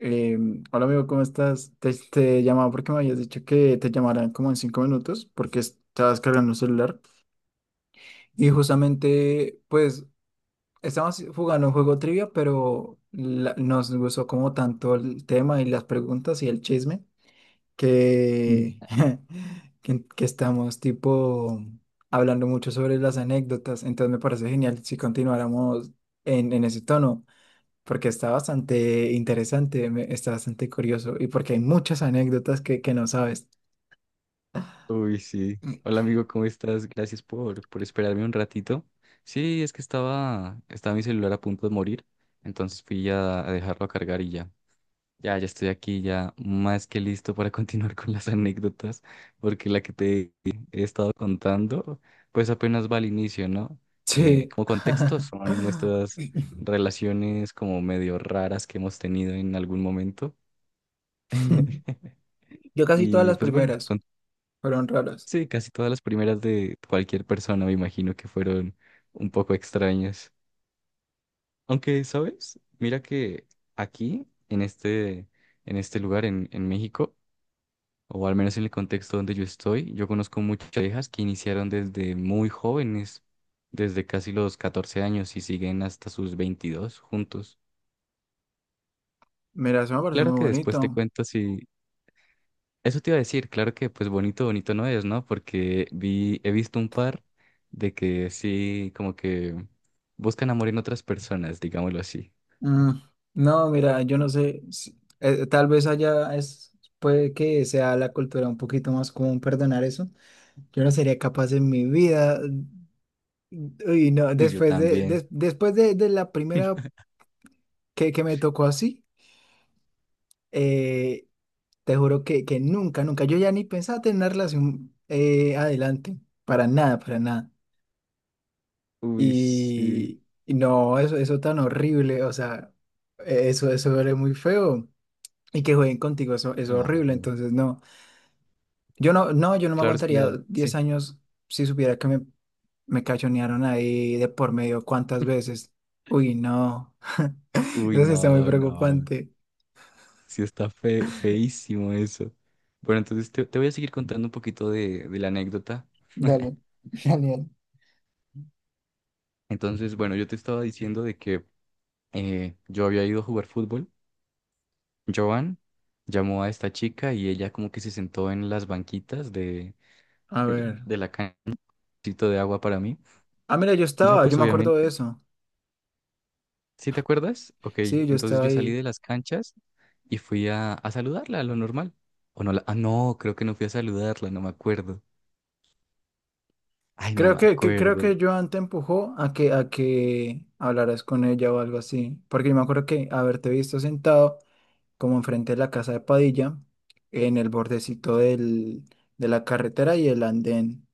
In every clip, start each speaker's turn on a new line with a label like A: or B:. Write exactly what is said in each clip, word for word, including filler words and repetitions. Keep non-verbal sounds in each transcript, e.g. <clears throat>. A: Eh, Hola amigo, ¿cómo estás? Te, te llamaba porque me habías dicho que te llamaran como en cinco minutos porque estabas cargando el celular. Y justamente, pues, estábamos jugando un juego trivia, pero la- nos gustó como tanto el tema y las preguntas y el chisme
B: Ujú.
A: que, <laughs> que, que estamos tipo hablando mucho sobre las anécdotas. Entonces me parece genial si continuáramos en, en ese tono porque está bastante interesante, me- está bastante curioso y porque hay muchas anécdotas que, que no sabes.
B: Uy, sí. Hola amigo, ¿cómo estás? Gracias por, por esperarme un ratito. Sí, es que estaba, estaba mi celular a punto de morir, entonces fui a, a dejarlo a cargar y ya. Ya, ya estoy aquí, ya más que listo para <laughs> continuar con las anécdotas, porque la que te he estado contando, pues apenas va al inicio, ¿no? Eh,
A: Sí.
B: como contexto, son nuestras
A: <laughs>
B: relaciones como medio raras que hemos tenido en algún momento. <laughs>
A: Yo casi todas
B: Y
A: las
B: pues bueno,
A: primeras fueron raras.
B: sí, casi todas las primeras de cualquier persona me imagino que fueron un poco extrañas. Aunque, ¿sabes? Mira que aquí, en este, en este lugar, en, en México, o al menos en el contexto donde yo estoy, yo conozco muchas parejas que iniciaron desde muy jóvenes, desde casi los catorce años y siguen hasta sus veintidós juntos.
A: Mira, eso me parece
B: Claro
A: muy
B: que después te
A: bonito.
B: cuento si, eso te iba a decir, claro que pues bonito, bonito no es, ¿no? Porque vi, he visto un par de que sí, como que buscan amor en otras personas, digámoslo así.
A: Mm, no, mira, yo no sé, si- eh, tal vez allá es, puede que sea la cultura un poquito más común perdonar eso. Yo no sería capaz en mi vida. Uy, no,
B: Uy, yo
A: después de,
B: también.
A: des- después de, de la primera que, que me tocó así. eh, Te juro que, que nunca, nunca. Yo ya ni pensaba tener una relación eh, adelante. Para nada, para nada.
B: Uy, sí,
A: Y, y no, eso, eso tan horrible. O sea, eh, eso, eso duele muy feo. Y que jueguen contigo, eso, eso es horrible.
B: claro.
A: Entonces, no. Yo no, no, yo no me
B: Claro es que
A: aguantaría
B: le da-
A: diez
B: sí.
A: años si supiera que me, me cachonearon ahí de por medio cuántas veces. Uy, no. <laughs>
B: Uy,
A: Eso sí está muy
B: no, no.
A: preocupante.
B: Sí está fe, feísimo eso. Bueno, entonces te, te voy a seguir contando un poquito de, de la anécdota.
A: Dale, <laughs> dale, dale.
B: Entonces, bueno, yo te estaba diciendo de que eh, yo había ido a jugar fútbol. Joan llamó a esta chica y ella como que se sentó en las banquitas de,
A: A ver.
B: de la cancha un poquito de agua para mí.
A: Ah, mira, yo
B: Yo
A: estaba, yo
B: pues
A: me acuerdo de
B: obviamente,
A: eso.
B: ¿sí te acuerdas? Ok,
A: Sí, yo
B: entonces
A: estaba
B: yo salí
A: ahí.
B: de las canchas y fui a, a saludarla, lo normal. O no, la- ah, no, creo que no fui a saludarla, no me acuerdo. Ay, no
A: Creo
B: me
A: que, que- creo
B: acuerdo.
A: que Joan te empujó a que, a que hablaras con ella o algo así. Porque yo me acuerdo que haberte visto sentado como enfrente de la casa de Padilla, en el bordecito del, de la carretera y el andén.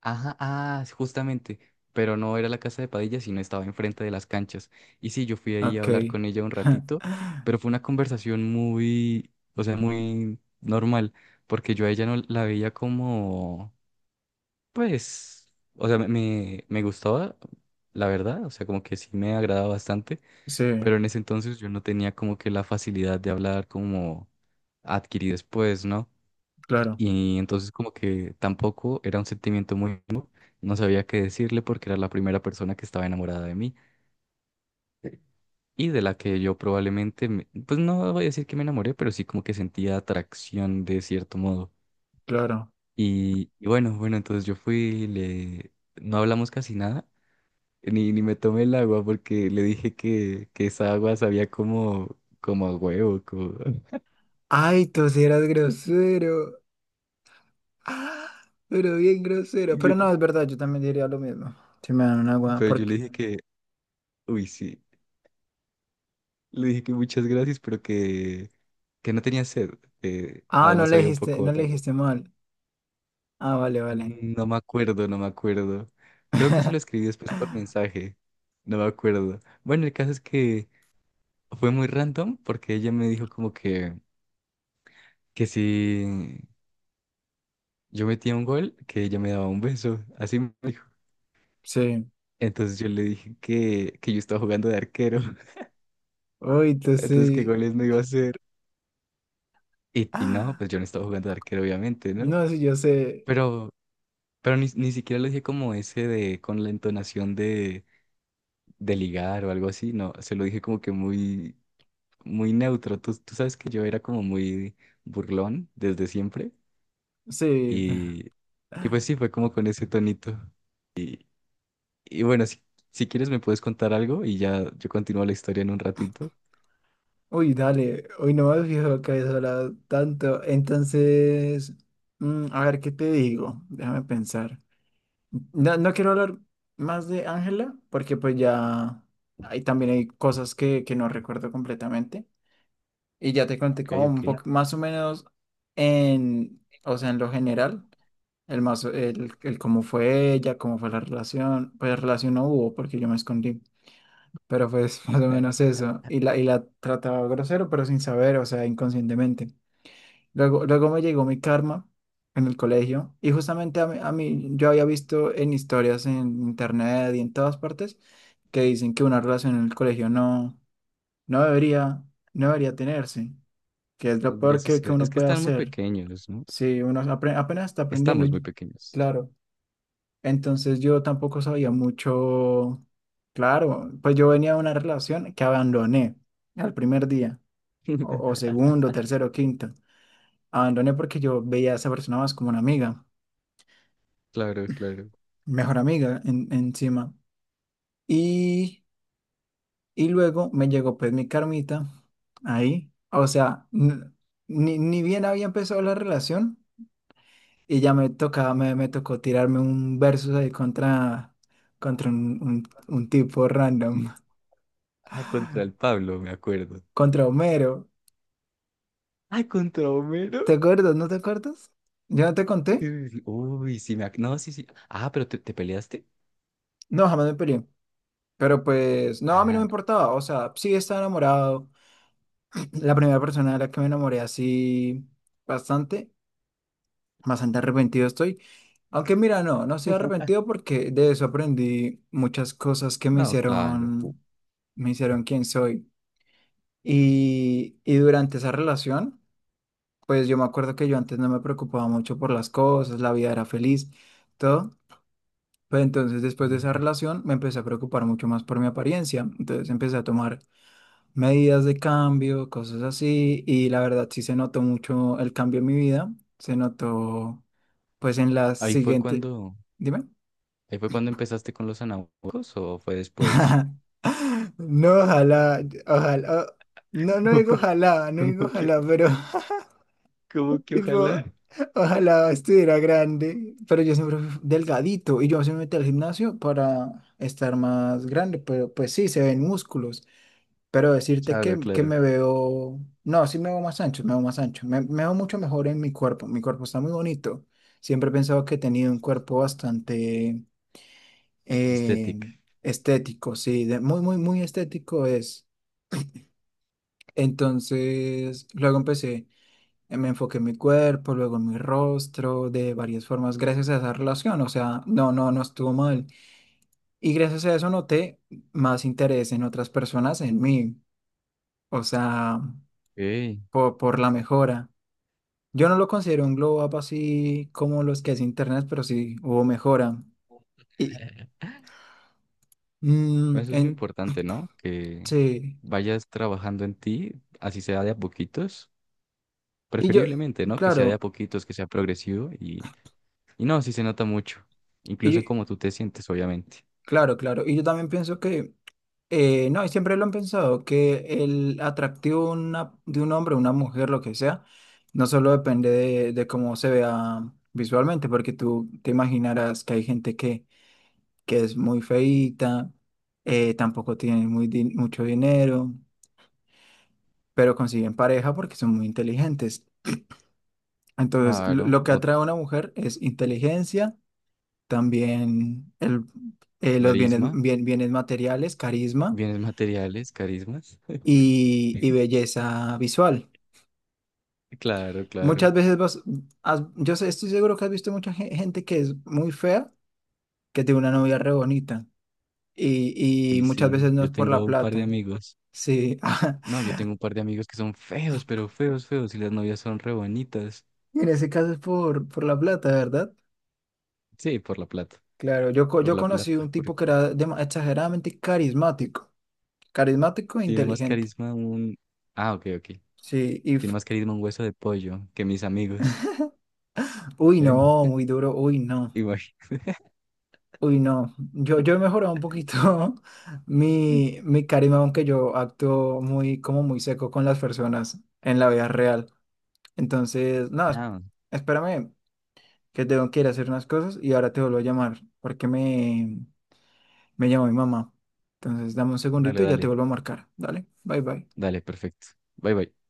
B: Ajá, ah, sí, justamente, pero no era la casa de Padilla, sino estaba enfrente de las canchas. Y sí, yo fui ahí a hablar
A: Ok.
B: con ella un ratito,
A: <laughs>
B: pero fue una conversación muy, o sea, muy normal, porque yo a ella no la veía como, pues, o sea, me, me me gustaba, la verdad, o sea, como que sí me agradaba bastante, pero
A: Sí,
B: en ese entonces yo no tenía como que la facilidad de hablar como adquirí después, ¿no?
A: claro,
B: Y entonces como que tampoco era un sentimiento muy nuevo, no sabía qué decirle porque era la primera persona que estaba enamorada de mí y de la que yo probablemente, me- pues no voy a decir que me enamoré, pero sí como que sentía atracción de cierto modo.
A: claro.
B: Y, y bueno, bueno, entonces yo fui, le... no hablamos casi nada, ni, ni me tomé el agua porque le dije que, que esa agua sabía como, como a huevo, como... <laughs>
A: Ay, tú sí eras grosero. <gasps> Ah, Pero bien grosero.
B: y
A: Pero
B: yo-
A: no, es verdad, yo también diría lo mismo. Si me dan una agua.
B: pero yo
A: Porque...
B: le dije que, uy, sí. Le dije que muchas gracias, pero que, que no tenía sed. Eh,
A: Ah, no
B: además
A: le
B: había un
A: dijiste,
B: poco
A: no le
B: raro.
A: dijiste mal. Ah, vale, vale.
B: No me acuerdo, no me acuerdo. Creo que se lo escribí
A: <laughs>
B: después por mensaje. No me acuerdo. Bueno, el caso es que fue muy random porque ella me dijo como que, que si yo metía un gol, que ella me daba un beso. Así me dijo.
A: Sí.
B: Entonces yo le dije que, que yo estaba jugando de arquero. <laughs>
A: Uy, te
B: Entonces, ¿qué
A: sí.
B: goles me iba a hacer? Y, y no,
A: Ah,
B: pues yo no estaba jugando de arquero, obviamente, ¿no?
A: No, sí, yo sé.
B: Pero Pero ni, ni siquiera lo dije como ese de con la entonación de, de ligar o algo así, no, se lo dije como que muy, muy neutro. Tú, tú sabes que yo era como muy burlón desde siempre
A: Sí.
B: y, y pues sí, fue
A: <laughs>
B: como con ese tonito. Y, y bueno, si, si quieres me puedes contar algo y ya yo continúo la historia en un ratito.
A: Uy, dale. Hoy no me has fijado que habías hablado tanto. Entonces, mm, a ver, ¿qué te digo? Déjame pensar. No, no quiero hablar más de Ángela, porque pues ya ahí también hay cosas que, que no recuerdo completamente. Y ya te conté
B: Ok,
A: como un
B: ok.
A: poco, más o menos en, o sea, en lo general. El más, el, el cómo fue ella, cómo fue la relación, pues relación no hubo porque yo me escondí, pero fue <laughs> más o menos eso, y la, y la trataba grosero pero sin saber, o sea, inconscientemente. Luego, luego me llegó mi karma en el colegio y justamente a mí, a mí yo había visto en historias en internet y en todas partes que dicen que una relación en el colegio no, no debería, no debería tenerse, que es lo
B: Debería
A: peor que, que
B: suceder. Es
A: uno
B: que
A: puede
B: están muy
A: hacer
B: pequeños, ¿no?
A: si uno apre- apenas está aprendiendo,
B: Estamos muy
A: y-
B: pequeños.
A: claro. Entonces yo tampoco sabía mucho, claro, pues yo venía de una relación que abandoné al primer día, o, o segundo,
B: <laughs>
A: tercero, quinto. Abandoné porque yo veía a esa persona más como una amiga,
B: Claro, claro.
A: mejor amiga en- encima. Y, y luego me llegó pues mi carmita ahí, o sea, n- ni, ni bien había empezado la relación y ya me tocaba, me, me tocó tirarme un verso ahí contra, contra un, un un tipo random.
B: Ah, contra el
A: <laughs>
B: Pablo, me acuerdo.
A: contra Homero.
B: Ay, contra
A: ¿Te
B: Homero.
A: acuerdas? ¿No te acuerdas? ¿Ya no te conté?
B: Uy, uy, sí me... ac- No, sí, sí. Ah, pero te, te peleaste.
A: No, jamás me peleé. Pero pues, no, a mí no me
B: Ajá.
A: importaba. O sea, sí estaba enamorado. <clears throat> La primera persona de la que me enamoré así bastante, bastante arrepentido estoy. Aunque mira, no, no estoy arrepentido
B: <laughs>
A: porque de eso aprendí muchas cosas que me
B: No, claro. <laughs>
A: hicieron, me hicieron quien soy. Y, y durante esa relación, pues yo me acuerdo que yo antes no me preocupaba mucho por las cosas, la vida era feliz, todo. Pero entonces, después de esa relación, me empecé a preocupar mucho más por mi apariencia. Entonces, empecé a tomar medidas de cambio, cosas así. Y la verdad, sí se notó mucho el cambio en mi vida. Se notó, pues, en las
B: Ahí fue
A: siguientes
B: cuando,
A: Dime.
B: ahí fue cuando empezaste con los anabólicos o fue después.
A: <laughs> No, ojalá, ojalá. o- No, no
B: <laughs>
A: digo ojalá, no
B: ¿Cómo
A: digo
B: cómo que,
A: ojalá, pero
B: ¿cómo
A: <laughs>
B: que ojalá?
A: tipo, ojalá estuviera grande. Pero yo siempre fui delgadito y yo se me metí al gimnasio para estar más grande, pero pues sí, se ven músculos. Pero decirte
B: Claro,
A: que, que
B: claro.
A: me veo, no, sí me veo más ancho, me veo más ancho, me, me veo mucho mejor en mi cuerpo, mi cuerpo está muy bonito. Siempre he pensado que he tenido un cuerpo bastante eh,
B: Estética.
A: estético, sí, de- muy, muy, muy estético es. Entonces, luego empecé, eh, me enfoqué en mi cuerpo, luego en mi rostro, de varias formas, gracias a esa relación, o sea, no, no, no estuvo mal. Y gracias a eso noté más interés en otras personas, en mí, o sea,
B: Ey,
A: por por la mejora. Yo no lo considero un glow up así como los que hace internet, pero sí hubo mejora. Y,
B: <laughs>
A: mm,
B: eso es lo
A: en-
B: importante, ¿no? Que
A: sí.
B: vayas trabajando en ti, así sea de a poquitos,
A: Y yo,
B: preferiblemente, ¿no? Que sea de a
A: claro,
B: poquitos, que sea progresivo. Y no, sí se nota mucho,
A: y
B: incluso
A: yo-
B: en cómo tú te sientes, obviamente.
A: claro, claro. Y yo también pienso que, eh, no, y siempre lo han pensado, que el atractivo de una- de un hombre, una mujer, lo que sea, no solo depende de, de cómo se vea visualmente, porque tú te imaginarás que hay gente que, que es muy feíta, eh, tampoco tiene muy, din- mucho dinero. Pero consiguen pareja porque son muy inteligentes. Entonces, lo,
B: Claro,
A: lo que
B: o
A: atrae a una mujer es inteligencia, también el, eh,
B: tu
A: los bienes,
B: carisma,
A: bien- bienes materiales, carisma
B: bienes materiales, carismas.
A: y, y
B: <laughs>
A: belleza visual.
B: Claro,
A: Muchas
B: claro.
A: veces vas, has- yo sé- estoy seguro que has visto mucha gen- gente que es muy fea, que tiene una novia re bonita y, y
B: Y
A: muchas
B: sí,
A: veces no
B: yo
A: es por
B: tengo
A: la
B: un par de
A: plata.
B: amigos.
A: Sí,
B: No,
A: <laughs>
B: yo tengo un par de amigos que son feos, pero feos, feos, y las novias son re bonitas.
A: en ese caso es por, por la plata, ¿verdad?
B: Sí, por la plata,
A: Claro, yo, co-
B: por
A: yo
B: la
A: conocí
B: plata,
A: un
B: porque
A: tipo que era dema- exageradamente carismático. Carismático e
B: tiene más
A: inteligente.
B: carisma un... Ah, ok, ok.
A: Sí, y...
B: Tiene
A: f-
B: más carisma un hueso de pollo que mis amigos. <laughs>
A: Uy, no,
B: Pero-
A: muy duro. Uy, no.
B: igual.
A: Uy, no. Yo, yo he mejorado un poquito <laughs> mi, mi carisma, aunque yo actúo muy, como muy seco con las personas en la vida real. Entonces, no, es-
B: Ah,
A: espérame, que tengo que ir a hacer unas cosas y ahora te vuelvo a llamar, porque me, me llama mi mamá. Entonces, dame un
B: dale,
A: segundito y ya te
B: dale,
A: vuelvo a marcar. Dale, bye bye.
B: dale, perfecto. Bye, bye.